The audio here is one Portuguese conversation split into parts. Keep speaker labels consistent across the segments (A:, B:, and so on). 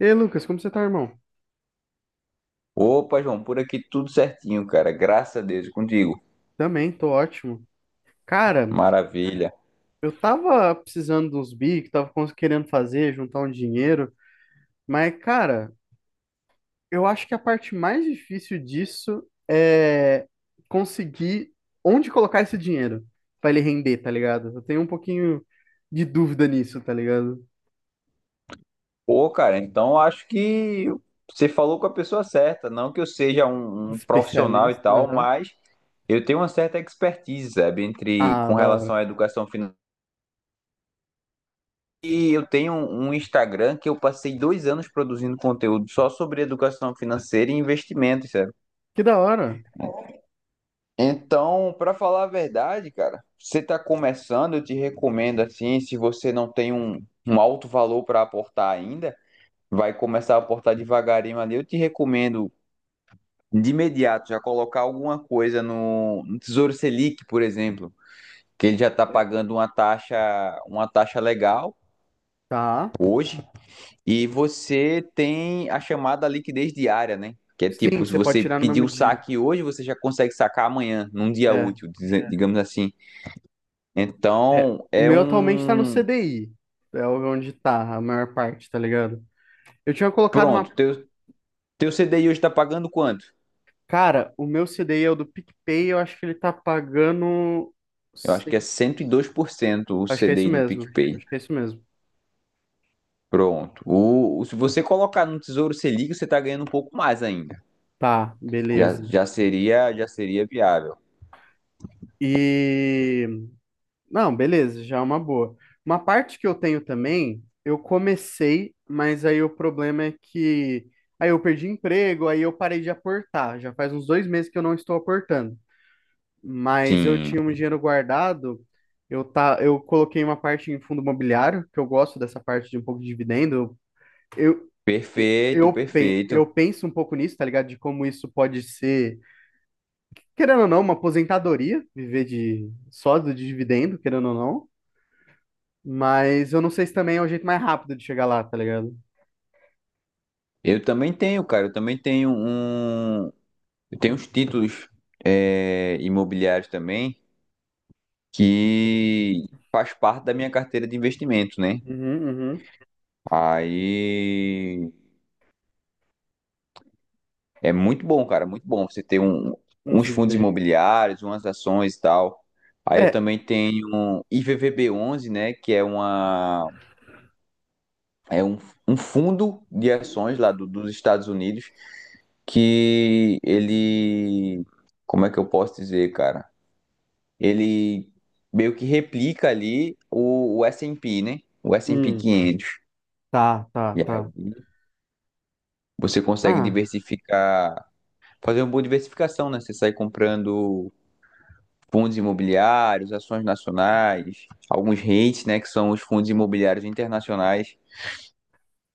A: E aí, Lucas, como você tá, irmão?
B: Opa, João, por aqui tudo certinho, cara. Graças a Deus, e contigo.
A: Também, tô ótimo. Cara,
B: Maravilha.
A: eu tava precisando de uns bicos, tava querendo fazer, juntar um dinheiro, mas, cara, eu acho que a parte mais difícil disso é conseguir onde colocar esse dinheiro pra ele render, tá ligado? Eu tenho um pouquinho de dúvida nisso, tá ligado?
B: Pô, cara, então acho que você falou com a pessoa certa. Não que eu seja um profissional e
A: Especialista,
B: tal,
A: aham.
B: mas eu tenho uma certa expertise, sabe, entre
A: Ah,
B: com
A: da hora.
B: relação à educação financeira. E eu tenho um Instagram que eu passei 2 anos produzindo conteúdo só sobre educação financeira e investimentos, sabe?
A: Que da hora.
B: Então, para falar a verdade, cara, você está começando, eu te recomendo assim, se você não tem um alto valor para aportar ainda, vai começar a aportar devagarinho ali. Eu te recomendo de imediato já colocar alguma coisa no Tesouro Selic, por exemplo, que ele já está
A: É.
B: pagando uma taxa legal
A: Tá.
B: hoje, e você tem a chamada liquidez diária, né? Que é
A: Sim,
B: tipo, se
A: você pode
B: você
A: tirar no
B: pedir
A: mesmo
B: o
A: dia.
B: saque hoje, você já consegue sacar amanhã, num dia
A: É.
B: útil, digamos assim.
A: É,
B: Então,
A: o
B: é
A: meu atualmente tá no C
B: um.
A: D I. É onde tá a maior parte, tá ligado? Eu tinha colocado uma.
B: Pronto, teu CDI hoje está pagando quanto?
A: Cara, o meu C D I é o do PicPay, eu acho que ele tá pagando.
B: Eu acho que é
A: Sim.
B: 102% o
A: Acho que é isso
B: CDI do
A: mesmo.
B: PicPay.
A: Acho que é isso mesmo.
B: Pronto. Se você colocar no Tesouro Selic, você está ganhando um pouco mais ainda.
A: Tá, beleza.
B: Já seria viável.
A: E. Não, beleza, já é uma boa. Uma parte que eu tenho também, eu comecei, mas aí o problema é que. Aí eu perdi emprego, aí eu parei de aportar. Já faz uns 2 meses que eu não estou aportando. Mas eu
B: Sim.
A: tinha um dinheiro guardado. Eu, tá, eu coloquei uma parte em fundo imobiliário, que eu gosto dessa parte de um pouco de dividendo. Eu,
B: Perfeito,
A: eu, pen-
B: perfeito.
A: eu penso um pouco nisso, tá ligado? De como isso pode ser, querendo ou não, uma aposentadoria, viver de só do dividendo, querendo ou não. Mas eu não sei se também é o jeito mais rápido de chegar lá, tá ligado?
B: Eu também tenho, cara. Eu também tenho um. Eu tenho uns títulos imobiliários também que faz parte da minha carteira de investimento, né?
A: Uhum, uhum.
B: Aí É muito bom, cara, muito bom você ter
A: Uns
B: uns fundos
A: dividendos.
B: imobiliários, umas ações e tal. Aí eu
A: É.
B: também tenho um IVVB11, né, que é é um, um fundo de ações lá dos Estados Unidos que ele, como é que eu posso dizer, cara? Ele meio que replica ali o S&P, né? O S&P
A: Hum,
B: 500.
A: tá, tá,
B: E
A: tá.
B: aí você consegue
A: Ah,
B: diversificar, fazer uma boa diversificação, né? Você sai comprando fundos imobiliários, ações nacionais, alguns REITs, né, que são os fundos imobiliários internacionais.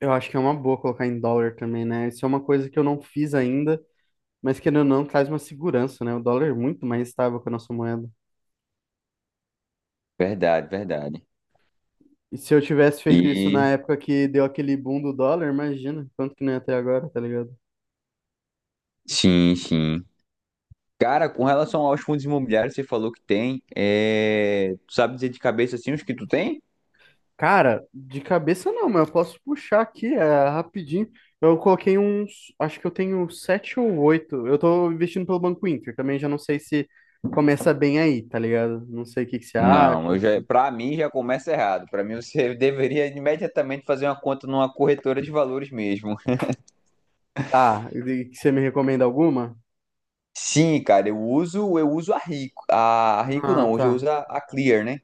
A: eu acho que é uma boa colocar em dólar também, né? Isso é uma coisa que eu não fiz ainda. Mas querendo ou não, traz uma segurança, né? O dólar é muito mais estável que a nossa moeda.
B: Verdade, verdade.
A: E se eu tivesse feito isso na
B: E
A: época que deu aquele boom do dólar, imagina quanto que não é até agora, tá ligado?
B: sim, sim. Cara, com relação aos fundos imobiliários, você falou que tem. É... Tu sabe dizer de cabeça assim os que tu tem?
A: Cara, de cabeça não, mas eu posso puxar aqui, é rapidinho. Eu coloquei uns, acho que eu tenho sete ou oito. Eu tô investindo pelo Banco Inter, também já não sei se começa bem aí, tá ligado? Não sei o que que você
B: Não,
A: acha,
B: eu já,
A: assim.
B: para mim já começa errado. Para mim você deveria imediatamente fazer uma conta numa corretora de valores mesmo.
A: Tá, e que você me recomenda alguma?
B: Sim, cara, eu uso a Rico
A: Ah,
B: não, hoje eu
A: tá.
B: uso a Clear, né?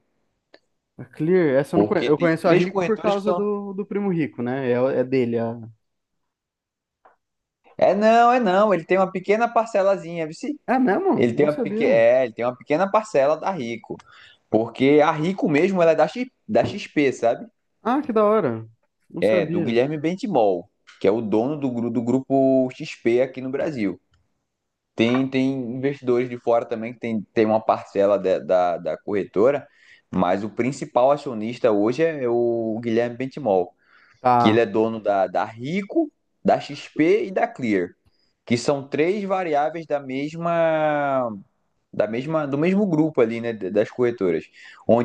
A: A Clear, essa eu não conheço.
B: Porque
A: Eu
B: tem
A: conheço a
B: três
A: Rico por
B: corretoras que
A: causa
B: são...
A: do Primo Rico, né? É, é dele.
B: É não, é não. Ele tem uma pequena parcelazinha, viu? Se?
A: É mesmo?
B: Ele tem
A: Não
B: uma peque...
A: sabia.
B: é, ele tem uma pequena parcela da Rico. Porque a Rico mesmo ela é da, X... da XP, sabe?
A: Ah, que da hora. Não
B: É, do
A: sabia.
B: Guilherme Bentimol, que é o dono do, do grupo XP aqui no Brasil. Tem investidores de fora também que tem uma parcela da corretora, mas o principal acionista hoje é o Guilherme Bentimol, que ele
A: Tá,
B: é dono da Rico, da XP e da Clear, que são três variáveis da mesma, do mesmo grupo ali, né, das corretoras,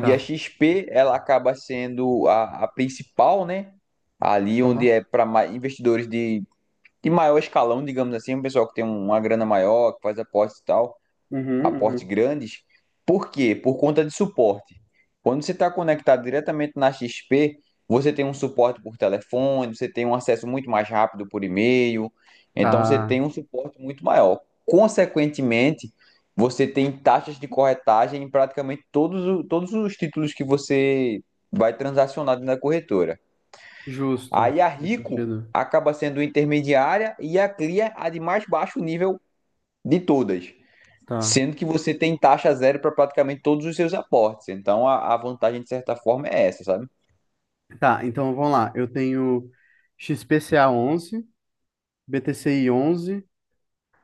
A: tá,
B: a XP ela acaba sendo a principal, né, ali onde
A: tá.
B: é para investidores de maior escalão, digamos assim, um pessoal que tem uma grana maior, que faz apostas e tal,
A: Uhum,
B: aporte
A: uhum.
B: grandes. Por quê? Por conta de suporte. Quando você está conectado diretamente na XP, você tem um suporte por telefone, você tem um acesso muito mais rápido por e-mail, então você
A: Tá.
B: tem um suporte muito maior. Consequentemente, você tem taxas de corretagem em praticamente todos os títulos que você vai transacionar na corretora.
A: Justo.
B: Aí a
A: Nesse
B: Rico
A: sentido.
B: acaba sendo intermediária e a Clear a de mais baixo nível de todas,
A: Tá.
B: sendo que você tem taxa zero para praticamente todos os seus aportes. Então a vantagem, de certa forma, é essa, sabe?
A: Tá, então vamos lá. Eu tenho XPCA 11, BTCI 11,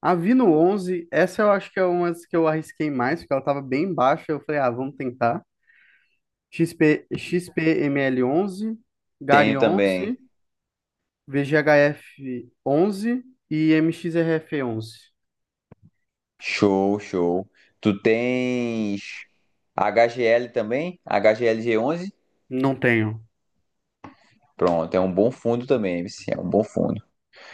A: Avino 11. Essa eu acho que é uma das que eu arrisquei mais, porque ela tava bem baixa. Eu falei, ah, vamos tentar. XP, XPML 11, Gary
B: Tenho também.
A: 11. VGHF11 e MXRF11.
B: Show, show. Tu tens HGL também, HGL G11.
A: Não tenho.
B: Pronto, é um bom fundo também, MC, é um bom fundo.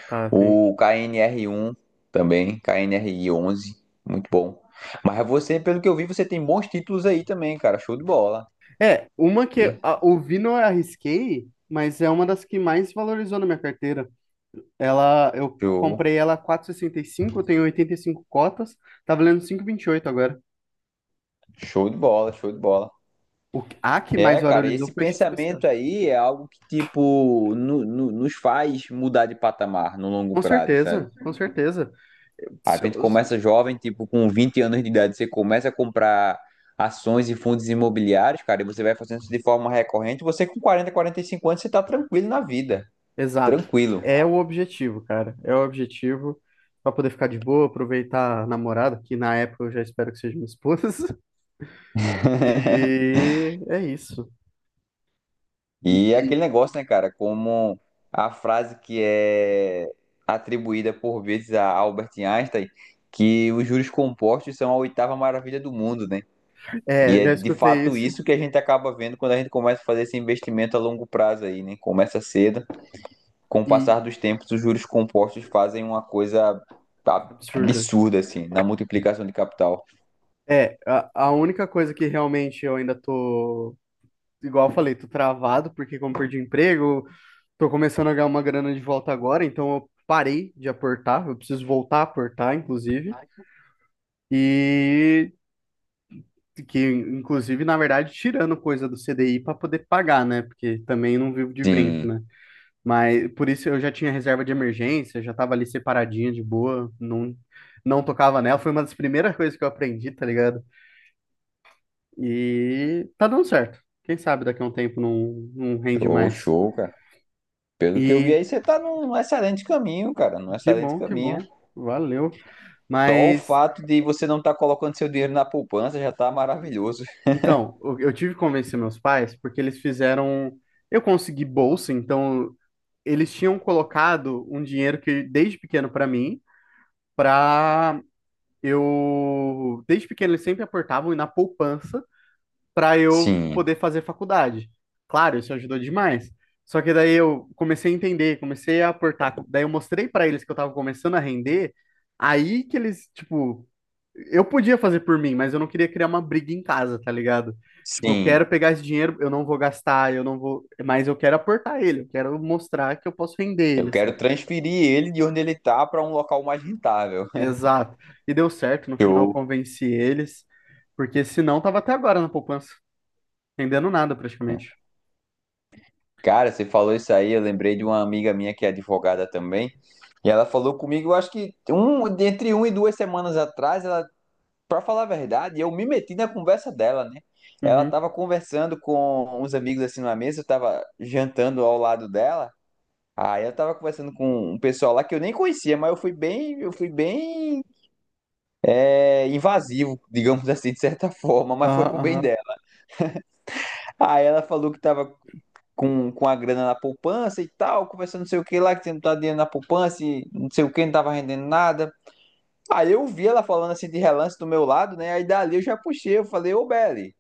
A: Tá, tem aqui.
B: O KNR1 também, KNR11, muito bom. Mas você, pelo que eu vi, você tem bons títulos aí também, cara. Show de bola.
A: É, uma que é, o Vino eu arrisquei, mas é uma das que mais valorizou na minha carteira. Ela, eu
B: Show,
A: comprei ela a 4,65. Eu tenho 85 cotas, tá valendo 5,28 agora.
B: show de bola, show de bola.
A: A que mais
B: É, cara, esse
A: valorizou foi a XPCO.
B: pensamento aí é algo que, tipo, nos faz mudar de patamar no longo
A: Com
B: prazo, sabe?
A: certeza, com certeza.
B: A
A: Se eu-
B: gente começa jovem, tipo, com 20 anos de idade, você começa a comprar ações e fundos imobiliários, cara, e você vai fazendo isso de forma recorrente, você com 40, 45 anos, você tá tranquilo na vida,
A: Exato.
B: tranquilo.
A: É o objetivo, cara. É o objetivo para poder ficar de boa, aproveitar a namorada, que na época eu já espero que seja minha esposa. E é isso.
B: E é
A: E,
B: aquele negócio, né, cara, como a frase que é atribuída por vezes a Albert Einstein, que os juros compostos são a oitava maravilha do mundo, né? E
A: é,
B: é
A: já
B: de
A: escutei
B: fato
A: isso
B: isso que a gente acaba vendo quando a gente começa a fazer esse investimento a longo prazo aí, né? Começa cedo, com o
A: e
B: passar dos tempos, os juros compostos fazem uma coisa
A: absurda.
B: absurda, assim, na multiplicação de capital.
A: É, a única coisa que realmente eu ainda tô, igual eu falei, tô travado, porque como perdi o emprego, tô começando a ganhar uma grana de volta agora, então eu parei de aportar, eu preciso voltar a aportar, inclusive. E que inclusive, na verdade, tirando coisa do C D I para poder pagar, né? Porque também não vivo de vento,
B: Sim,
A: né? Mas por isso eu já tinha reserva de emergência, já tava ali separadinha de boa, não tocava nela, foi uma das primeiras coisas que eu aprendi, tá ligado? E tá dando certo. Quem sabe daqui a um tempo não, não rende
B: show,
A: mais.
B: show, cara. Pelo que eu vi
A: E
B: aí, você tá num excelente caminho, cara, num
A: que
B: excelente
A: bom, que
B: caminho.
A: bom. Valeu.
B: Só o
A: Mas
B: fato de você não estar colocando seu dinheiro na poupança já tá maravilhoso.
A: então, eu tive que convencer meus pais porque eles fizeram eu consegui bolsa, então eles tinham colocado um dinheiro que desde pequeno para mim, para eu desde pequeno eles sempre aportavam na poupança para eu
B: Sim,
A: poder fazer faculdade. Claro, isso ajudou demais. Só que daí eu comecei a entender, comecei a aportar, daí eu mostrei para eles que eu tava começando a render, aí que eles, tipo, eu podia fazer por mim, mas eu não queria criar uma briga em casa, tá ligado? Tipo, eu
B: sim.
A: quero pegar esse dinheiro, eu não vou gastar, eu não vou, mas eu quero aportar ele, eu quero mostrar que eu posso render
B: Eu
A: ele,
B: quero transferir ele de onde ele tá para um local mais rentável.
A: Exato. E deu certo, no final eu
B: Show.
A: convenci eles, porque senão tava até agora na poupança, rendendo nada praticamente.
B: Cara, você falou isso aí, eu lembrei de uma amiga minha que é advogada também, e ela falou comigo, eu acho que um, entre um e 2 semanas atrás, ela, para falar a verdade, eu me meti na conversa dela, né? Ela
A: Uhum.
B: estava conversando com uns amigos assim numa mesa, eu estava jantando ao lado dela. Aí eu estava conversando com um pessoal lá que eu nem conhecia, mas eu fui bem, invasivo, digamos assim, de certa forma, mas foi
A: Aham,
B: pro bem
A: aham.
B: dela. Aí ela falou que estava com a grana na poupança e tal, conversando não sei o que lá, que você não tá dinheiro na poupança e não sei o que, não tava rendendo nada. Aí eu vi ela falando assim de relance do meu lado, né? Aí dali eu já puxei, eu falei, ô Belly,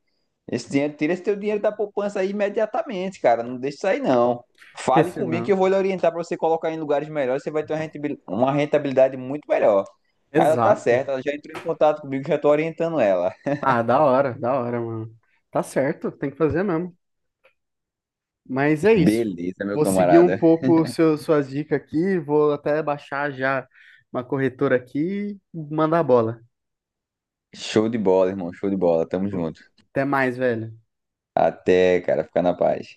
B: esse dinheiro, tira esse teu dinheiro da poupança aí imediatamente, cara. Não deixa isso aí, não.
A: Porque
B: Fale comigo que
A: senão.
B: eu vou lhe orientar pra você colocar em lugares melhores, você vai ter uma uma rentabilidade muito melhor. Aí ela tá
A: Exato.
B: certa, ela já entrou em contato comigo, já tô orientando ela.
A: Ah, da hora, mano. Tá certo, tem que fazer mesmo. Mas é isso.
B: Beleza, meu
A: Vou seguir um
B: camarada.
A: pouco suas dicas aqui, vou até baixar já uma corretora aqui e mandar a bola.
B: Show de bola, irmão, show de bola. Tamo junto.
A: Até mais, velho.
B: Até, cara, fica na paz.